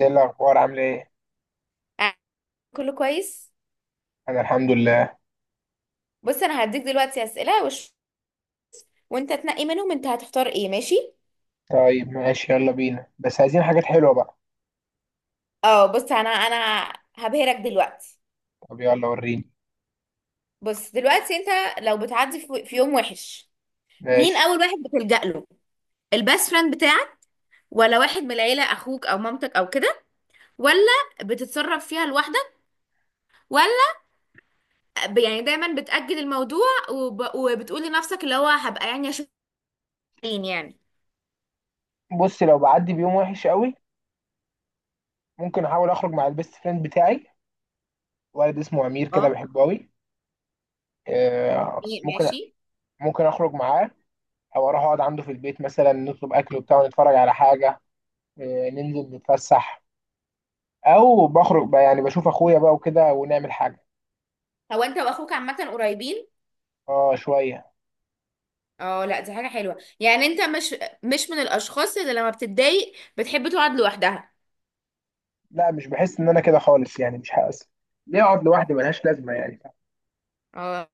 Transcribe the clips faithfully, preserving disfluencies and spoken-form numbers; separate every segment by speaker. Speaker 1: ايه الاخبار؟ عامل ايه؟
Speaker 2: آه، كله كويس.
Speaker 1: انا الحمد لله.
Speaker 2: بص، انا هديك دلوقتي اسئله وش... وانت تنقي منهم انت هتختار ايه؟ ماشي.
Speaker 1: طيب ماشي، يلا بينا، بس عايزين حاجات حلوه بقى.
Speaker 2: اه، بص انا انا هبهرك دلوقتي.
Speaker 1: طب يلا وريني.
Speaker 2: بص دلوقتي انت لو بتعدي في في يوم وحش، مين
Speaker 1: ماشي.
Speaker 2: اول واحد بتلجأ له؟ البيست فريند بتاعك؟ ولا واحد من العيله، اخوك او مامتك او كده؟ ولا بتتصرف فيها لوحدك؟ ولا ب... يعني دايما بتأجل الموضوع وب... وبتقول لنفسك اللي هو هبقى يعني اشوف مين يعني؟
Speaker 1: بص، لو بعدي بيوم وحش قوي ممكن احاول اخرج مع البيست فريند بتاعي، ولد اسمه امير كده
Speaker 2: اه،
Speaker 1: بحبه قوي. آه،
Speaker 2: إيه،
Speaker 1: ممكن.
Speaker 2: ماشي.
Speaker 1: ممكن اخرج معاه، او اروح اقعد عنده في البيت مثلا، نطلب اكل وبتاع ونتفرج على حاجه. آه، ننزل نتفسح. او بخرج بقى يعني بشوف اخويا بقى وكده ونعمل حاجه.
Speaker 2: هو انت واخوك عامه قريبين؟
Speaker 1: اه شويه.
Speaker 2: اه، لا دي حاجة حلوة. يعني انت مش مش من الاشخاص اللي لما بتتضايق بتحب تقعد لوحدها؟
Speaker 1: لا، مش بحس ان انا كده خالص، يعني مش حاسس. ليه اقعد لوحدي؟ ملهاش لازمه يعني.
Speaker 2: اه،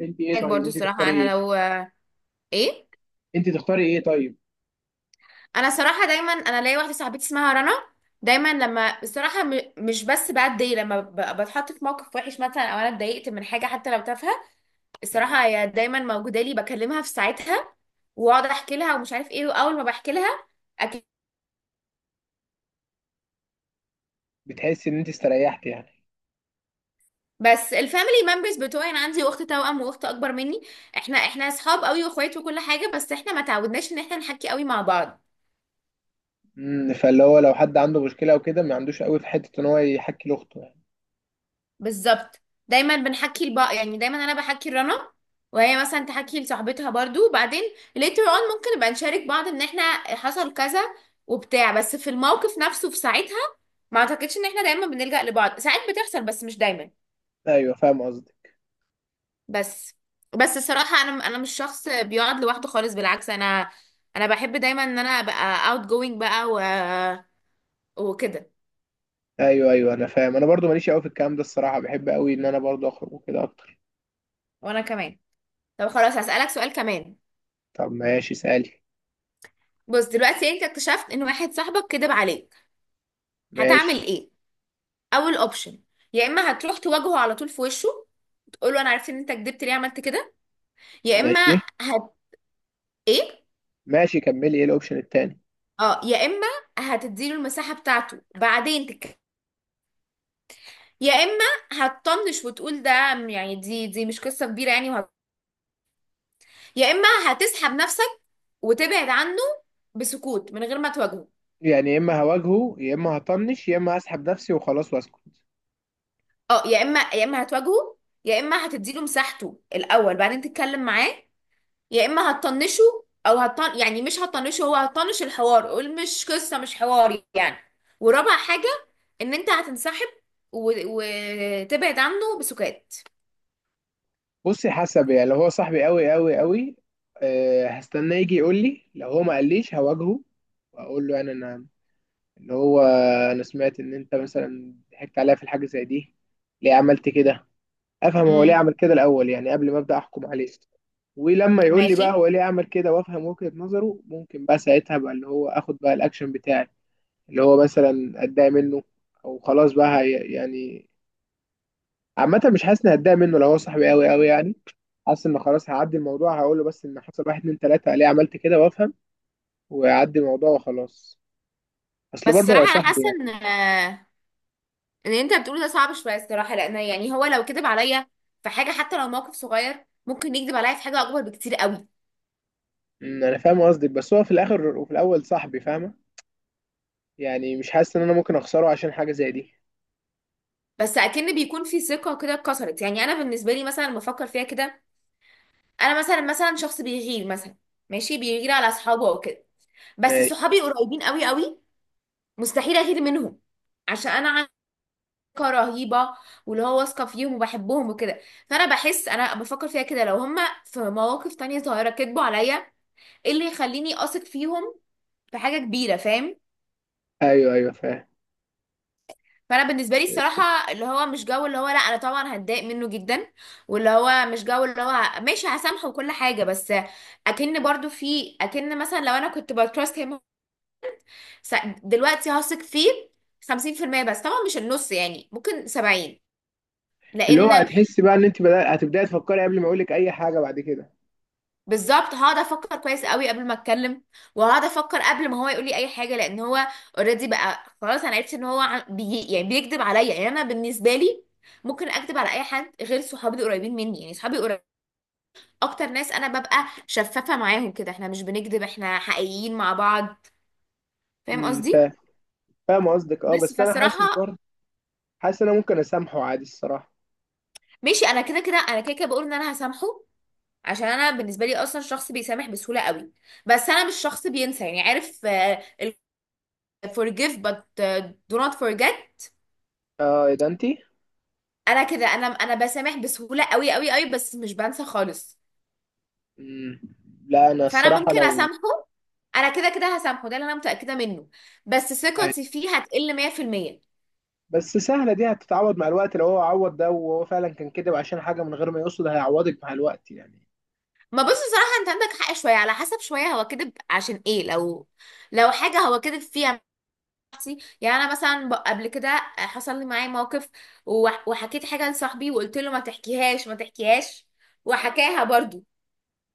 Speaker 1: انت ايه؟
Speaker 2: رأيك
Speaker 1: طيب
Speaker 2: برضو.
Speaker 1: انت
Speaker 2: الصراحة
Speaker 1: تختاري
Speaker 2: انا
Speaker 1: ايه؟
Speaker 2: لو ايه.
Speaker 1: انت تختاري ايه طيب؟
Speaker 2: انا صراحة دايما انا ليا واحدة صاحبتي اسمها رنا. دايما لما الصراحة م- مش بس بتضايق، لما ب- بتحط في موقف وحش مثلا، او انا اتضايقت من حاجة حتى لو تافهة،
Speaker 1: مم.
Speaker 2: الصراحة هي دايما موجودة لي، بكلمها في ساعتها واقعد احكي لها ومش عارف ايه. واول ما بحكي لها،
Speaker 1: بتحسي ان انت استريحتي يعني؟
Speaker 2: بس الفاميلي ممبرز بتوعي انا عندي اخت توأم واخت اكبر مني. احنا احنا اصحاب قوي واخوات وكل حاجه، بس احنا ما تعودناش ان احنا نحكي قوي مع بعض.
Speaker 1: امم فاللي هو لو حد عنده مشكله او كده، ما عندوش قوي في حته ان هو يحكي لاخته يعني.
Speaker 2: بالظبط، دايما بنحكي لبعض، يعني دايما انا بحكي لرنا، وهي مثلا تحكي لصاحبتها برضو. وبعدين later on ممكن نبقى نشارك بعض ان احنا حصل كذا وبتاع، بس في الموقف نفسه في ساعتها ما اعتقدش ان احنا دايما بنلجأ لبعض، ساعات بتحصل بس مش دايما.
Speaker 1: ايوه فاهم قصدي.
Speaker 2: بس بس الصراحة انا انا مش شخص بيقعد لوحده خالص، بالعكس انا انا بحب دايما ان انا ابقى اوت جوينج بقى و... وكده.
Speaker 1: ايوه، ايوه، انا فاهم. انا برضو ماليش قوي في الكلام ده الصراحه، بحب قوي ان انا برضو اخرج وكده اكتر.
Speaker 2: وانا كمان. طب خلاص، هسألك سؤال كمان.
Speaker 1: طب ماشي سالي.
Speaker 2: بص دلوقتي انت اكتشفت ان واحد صاحبك كدب عليك، هتعمل
Speaker 1: ماشي.
Speaker 2: ايه؟ اول اوبشن: يا اما هتروح تواجهه على طول في وشه، تقول له انا عرفت ان انت كدبت، ليه عملت كده؟ يا اما
Speaker 1: ماشي.
Speaker 2: هت ايه.
Speaker 1: ماشي، كملي ايه الاوبشن التاني؟
Speaker 2: اه، يا اما هتديله المساحة بتاعته بعدين تتكلم. يا اما هتطنش وتقول ده يعني دي دي مش قصة كبيرة يعني. يا اما هتسحب نفسك وتبعد عنه بسكوت من غير ما تواجهه.
Speaker 1: يعني يا اما هواجهه، يا اما هطنش، يا اما هسحب نفسي وخلاص واسكت.
Speaker 2: اه، يا اما يا اما هتواجهه، يا اما هتديله مساحته الاول بعدين تتكلم معاه، يا اما هتطنشه، او هتطن يعني مش هتطنشه هو، هتطنش الحوار. قول مش قصه، مش حوار يعني. ورابع حاجه ان انت هتنسحب و... وتبعد عنه بسكات.
Speaker 1: بصي، حسب، يعني لو هو صاحبي قوي قوي قوي، أه هستناه يجي يقول لي. لو هو ما قاليش هواجهه، واقول له يعني انا، اللي هو، انا سمعت ان انت مثلا ضحكت عليا في الحاجه زي دي، ليه عملت كده؟ افهم هو ليه
Speaker 2: امم،
Speaker 1: عمل كده الاول، يعني قبل ما ابدا احكم عليه. ولما يقول لي
Speaker 2: ماشي.
Speaker 1: بقى هو ليه عمل كده وافهم وجهة نظره، ممكن بقى ساعتها بقى اللي هو اخد بقى الاكشن بتاعي، اللي هو مثلا اتضايق منه، او خلاص بقى هي- يعني عامه مش حاسس اني هتضايق منه لو هو صاحبي قوي قوي يعني. حاسس ان خلاص هعدي الموضوع، هقول له بس ان حصل واحد اتنين تلاته، ليه عملت كده، وافهم، ويعدي الموضوع وخلاص، اصل
Speaker 2: بس
Speaker 1: برضه هو
Speaker 2: صراحه انا حاسه
Speaker 1: صاحبي يعني.
Speaker 2: ان اللي انت بتقوله ده صعب شويه الصراحه، لان يعني هو لو كذب عليا في حاجه حتى لو موقف صغير، ممكن يكذب عليا في حاجه اكبر بكتير قوي.
Speaker 1: أمم، انا فاهم قصدك، بس هو في الاخر وفي الاول صاحبي فاهمه، يعني مش حاسس ان انا ممكن اخسره عشان حاجه زي دي.
Speaker 2: بس اكن بيكون في ثقه كده اتكسرت. يعني انا بالنسبه لي مثلا لما افكر فيها كده، انا مثلا مثلا شخص بيغير مثلا، ماشي، بيغير على اصحابه او كده. بس
Speaker 1: ماشي.
Speaker 2: صحابي قريبين قوي قوي، مستحيل اغير منهم، عشان انا علاقه رهيبه واللي هو واثقه فيهم وبحبهم وكده. فانا بحس انا بفكر فيها كده، لو هم في مواقف تانية صغيره كذبوا عليا، ايه اللي يخليني اثق فيهم في حاجه كبيره؟ فاهم؟
Speaker 1: ايوه، ايوه، فاهم.
Speaker 2: فانا بالنسبه لي الصراحه اللي هو مش جو، اللي هو لا انا طبعا هتضايق منه جدا، واللي هو مش جو، اللي هو ه- ماشي هسامحه وكل حاجه. بس اكن برضو في، اكن مثلا لو انا كنت بتراست هيم، س- دلوقتي هثق فيه خمسين في المية، بس طبعا مش النص، يعني ممكن سبعين،
Speaker 1: اللي هو
Speaker 2: لان،
Speaker 1: هتحسي بقى ان انت بدأ... هتبداي تفكري قبل ما اقول لك اي حاجه بعد كده.
Speaker 2: بالظبط، هقعد افكر كويس قوي قبل ما اتكلم، وهقعد افكر قبل ما هو يقول لي اي حاجه، لان هو اوريدي بقى. خلاص انا عرفت ان هو عم- بي يعني بيكذب عليا. يعني انا بالنسبه لي ممكن اكذب على اي حد غير صحابي القريبين مني، يعني صحابي اكتر ناس انا ببقى شفافة معاهم كده، احنا مش بنكذب، احنا حقيقيين مع بعض. فاهم
Speaker 1: امم
Speaker 2: قصدي؟
Speaker 1: فاهم. فاهم قصدك، اه
Speaker 2: بس
Speaker 1: بس انا
Speaker 2: فالصراحة
Speaker 1: حاسس برضه، حاسس ان انا ممكن اسامحه عادي الصراحه.
Speaker 2: ماشي. انا كده كده انا كده كده بقول ان انا هسامحه، عشان انا بالنسبة لي اصلا شخص بيسامح بسهولة قوي. بس انا مش شخص بينسى. يعني عارف، آه، ال forgive but آه، do not forget.
Speaker 1: اه ايه ده انت؟
Speaker 2: انا كده، انا انا بسامح بسهولة قوي قوي قوي، بس مش بنسى خالص.
Speaker 1: امم لا، انا
Speaker 2: فانا
Speaker 1: الصراحه
Speaker 2: ممكن
Speaker 1: لو،
Speaker 2: اسامحه. انا كده كده هسامحه، ده اللي انا متأكدة منه. بس ثقتي فيه هتقل ميه في الميه.
Speaker 1: بس سهلة دي هتتعوض مع الوقت، لو هو عوض ده وهو فعلا كان كده عشان حاجة من غير ما يقصد هيعوضك مع الوقت يعني.
Speaker 2: ما بص، بصراحة انت عندك حق شوية، على حسب. شوية هو كذب عشان ايه؟ لو لو حاجة هو كذب فيها. نفسي، يعني انا مثلا ب- قبل كده حصل لي معايا موقف، وح- وحكيت حاجة لصاحبي وقلت له ما تحكيهاش ما تحكيهاش، وحكاها برضو.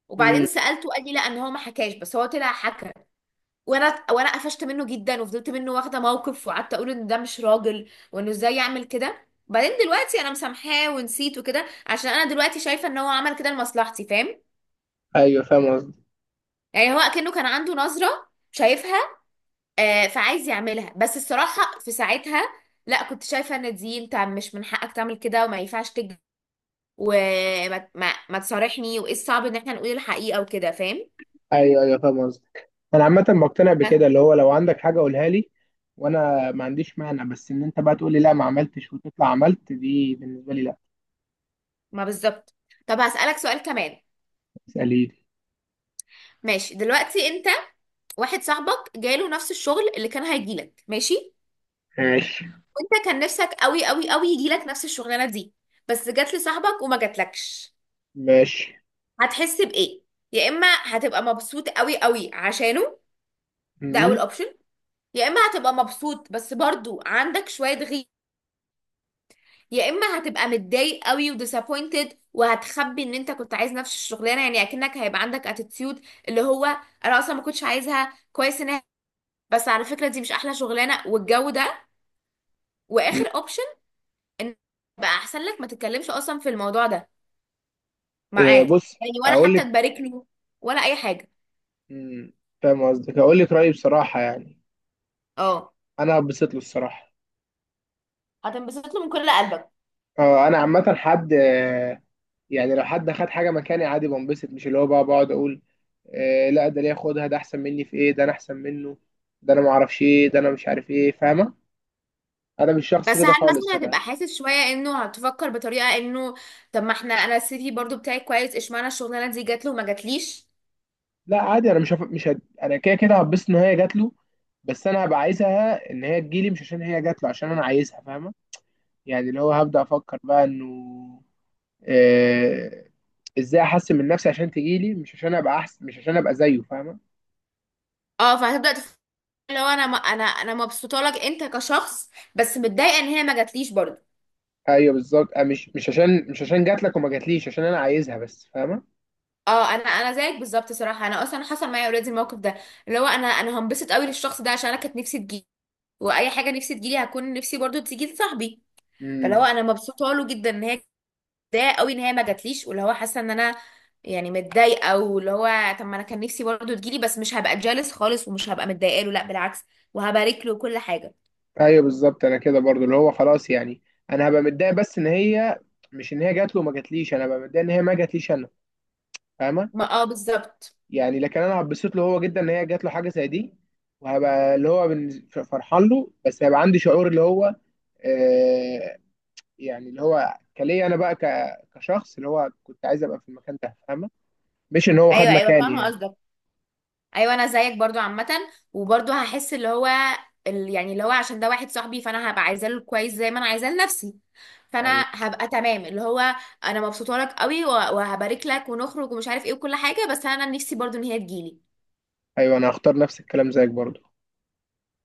Speaker 2: وبعدين
Speaker 1: امم.
Speaker 2: سألته قال لي لا ان هو ما حكاش، بس هو طلع حكى. وانا وانا قفشت منه جدا وفضلت منه واخدة موقف، وقعدت اقول ان ده مش راجل وانه ازاي يعمل كده. بعدين دلوقتي انا مسامحاه ونسيت وكده، عشان انا دلوقتي شايفة ان هو عمل كده لمصلحتي. فاهم؟
Speaker 1: ايوه فاهم قصدك.
Speaker 2: يعني هو كأنه كان عنده نظرة شايفها آه فعايز يعملها، بس الصراحة في ساعتها لا، كنت شايفة ان دي انت مش من حقك تعمل كده وما ينفعش تكذب وما ما, ما تصارحني. وايه الصعب ان احنا نقول الحقيقة وكده؟ فاهم؟
Speaker 1: ايوه، ايوه، فاهم قصدك. انا عامة بقتنع
Speaker 2: بس
Speaker 1: بكده، اللي هو لو عندك حاجة قولها لي، وانا ما عنديش مانع، بس ان انت بقى تقول لي لا ما عملتش وتطلع عملت، دي بالنسبة لي لا.
Speaker 2: ما بالظبط. طب هسألك سؤال كمان.
Speaker 1: اسألي لي.
Speaker 2: ماشي، دلوقتي انت واحد صاحبك جاله نفس الشغل اللي كان هيجيلك، ماشي.
Speaker 1: ماشي.
Speaker 2: وانت كان نفسك قوي قوي قوي يجيلك نفس الشغلانة دي، بس جات لصاحبك وما جاتلكش،
Speaker 1: ماشي.
Speaker 2: هتحس بايه؟ يا اما هتبقى مبسوط قوي قوي عشانه، ده
Speaker 1: امم.
Speaker 2: اول اوبشن. يا اما هتبقى مبسوط بس برضو عندك شويه غي. يا اما هتبقى متضايق قوي وديسابوينتد، وهتخبي ان انت كنت عايز نفس الشغلانه، يعني اكنك هيبقى عندك اتيتيود اللي هو انا اصلا ما كنتش عايزها، كويس انها. بس على فكره دي مش احلى شغلانه والجو ده.
Speaker 1: أمم.
Speaker 2: واخر اوبشن ان بقى احسن لك ما تتكلمش اصلا في الموضوع ده معاه.
Speaker 1: إيه، بص
Speaker 2: يعني ولا
Speaker 1: اقول
Speaker 2: حتى
Speaker 1: لك.
Speaker 2: تبارك له، ولا اي حاجه.
Speaker 1: أمم، فاهم قصدك، اقول لك رأيي بصراحة يعني.
Speaker 2: اه،
Speaker 1: انا بسيط له الصراحة.
Speaker 2: هتنبسط له من كل قلبك؟
Speaker 1: آه، انا عامة حد آه، يعني لو حد خد حاجه مكاني عادي بنبسط، مش اللي هو بقى بقعد اقول آه لا ده ليه خدها، ده احسن مني في ايه، ده انا احسن منه، ده انا ما اعرفش ايه، ده انا مش عارف ايه، فاهمه؟ انا مش شخص
Speaker 2: بس هل
Speaker 1: كده خالص
Speaker 2: مثلا
Speaker 1: انا.
Speaker 2: هتبقى حاسس شوية، انه هتفكر بطريقة انه طب ما احنا، انا السيتي برضو بتاعي كويس، اشمعنى الشغلانة دي جات له وما جاتليش؟
Speaker 1: لا عادي، انا مش هف... مش هد... انا كده كده هتبسط ان هي جات له، بس انا هبقى عايزها ان هي تجيلي، مش عشان هي جات له، عشان انا عايزها فاهمه. يعني اللي هو هبدا افكر بقى انه آه... ازاي احسن من نفسي عشان تجيلي، مش عشان ابقى احسن، مش عشان ابقى زيه فاهمه.
Speaker 2: اه، فهتبدأ تفكر لو انا م- انا انا مبسوطة لك انت كشخص، بس متضايقة ان هي ما جاتليش برضو.
Speaker 1: ايوه بالظبط، أه، مش مش عشان مش عشان جات لك وما جاتليش، عشان انا عايزها بس فاهمه.
Speaker 2: اه، انا انا زيك بالظبط صراحة. انا اصلا حصل معايا اوريدي الموقف ده، اللي هو انا انا هنبسط قوي للشخص ده عشان انا كانت نفسي تجيلي، واي حاجة نفسي تجيلي هكون نفسي برضو تيجي لصاحبي. فاللي هو
Speaker 1: امم.
Speaker 2: انا مبسوطة له جدا ان هي، متضايقه قوي ان هي ما جاتليش، واللي هو حاسه ان انا يعني متضايقه، واللي هو طب ما انا كان نفسي برضه تجيلي. بس مش هبقى جالس خالص، ومش هبقى متضايقه له، لا بالعكس، وهبارك له كل حاجه.
Speaker 1: ايوه بالظبط، انا كده برضو اللي هو خلاص يعني، انا هبقى متضايق بس ان هي، مش ان هي جات له وما جاتليش، انا هبقى متضايق ان هي ما جاتليش انا، فاهمه؟
Speaker 2: ما اه بالظبط.
Speaker 1: يعني لكن انا هبسط له هو جدا ان هي جات له حاجه زي دي، وهبقى اللي هو بالنز- فرحان له، بس هيبقى عندي شعور اللي هو، آه يعني اللي هو كليا انا بقى ك- كشخص اللي هو كنت عايز ابقى في المكان ده فاهمه، مش ان هو خد
Speaker 2: ايوه ايوه،
Speaker 1: مكاني
Speaker 2: فاهمه
Speaker 1: يعني.
Speaker 2: قصدك. ايوه انا زيك برضو عامه، وبرضه هحس اللي هو ال- يعني اللي هو عشان ده واحد صاحبي، فانا هبقى عايزاه له كويس زي ما انا عايزاه لنفسي.
Speaker 1: ايوه،
Speaker 2: فانا هبقى تمام، اللي هو انا مبسوطه لك قوي و- وهبارك لك ونخرج ومش عارف ايه وكل حاجه، بس انا نفسي برضو ان هي تجيلي
Speaker 1: ايوه، انا هختار نفس الكلام زيك برضو.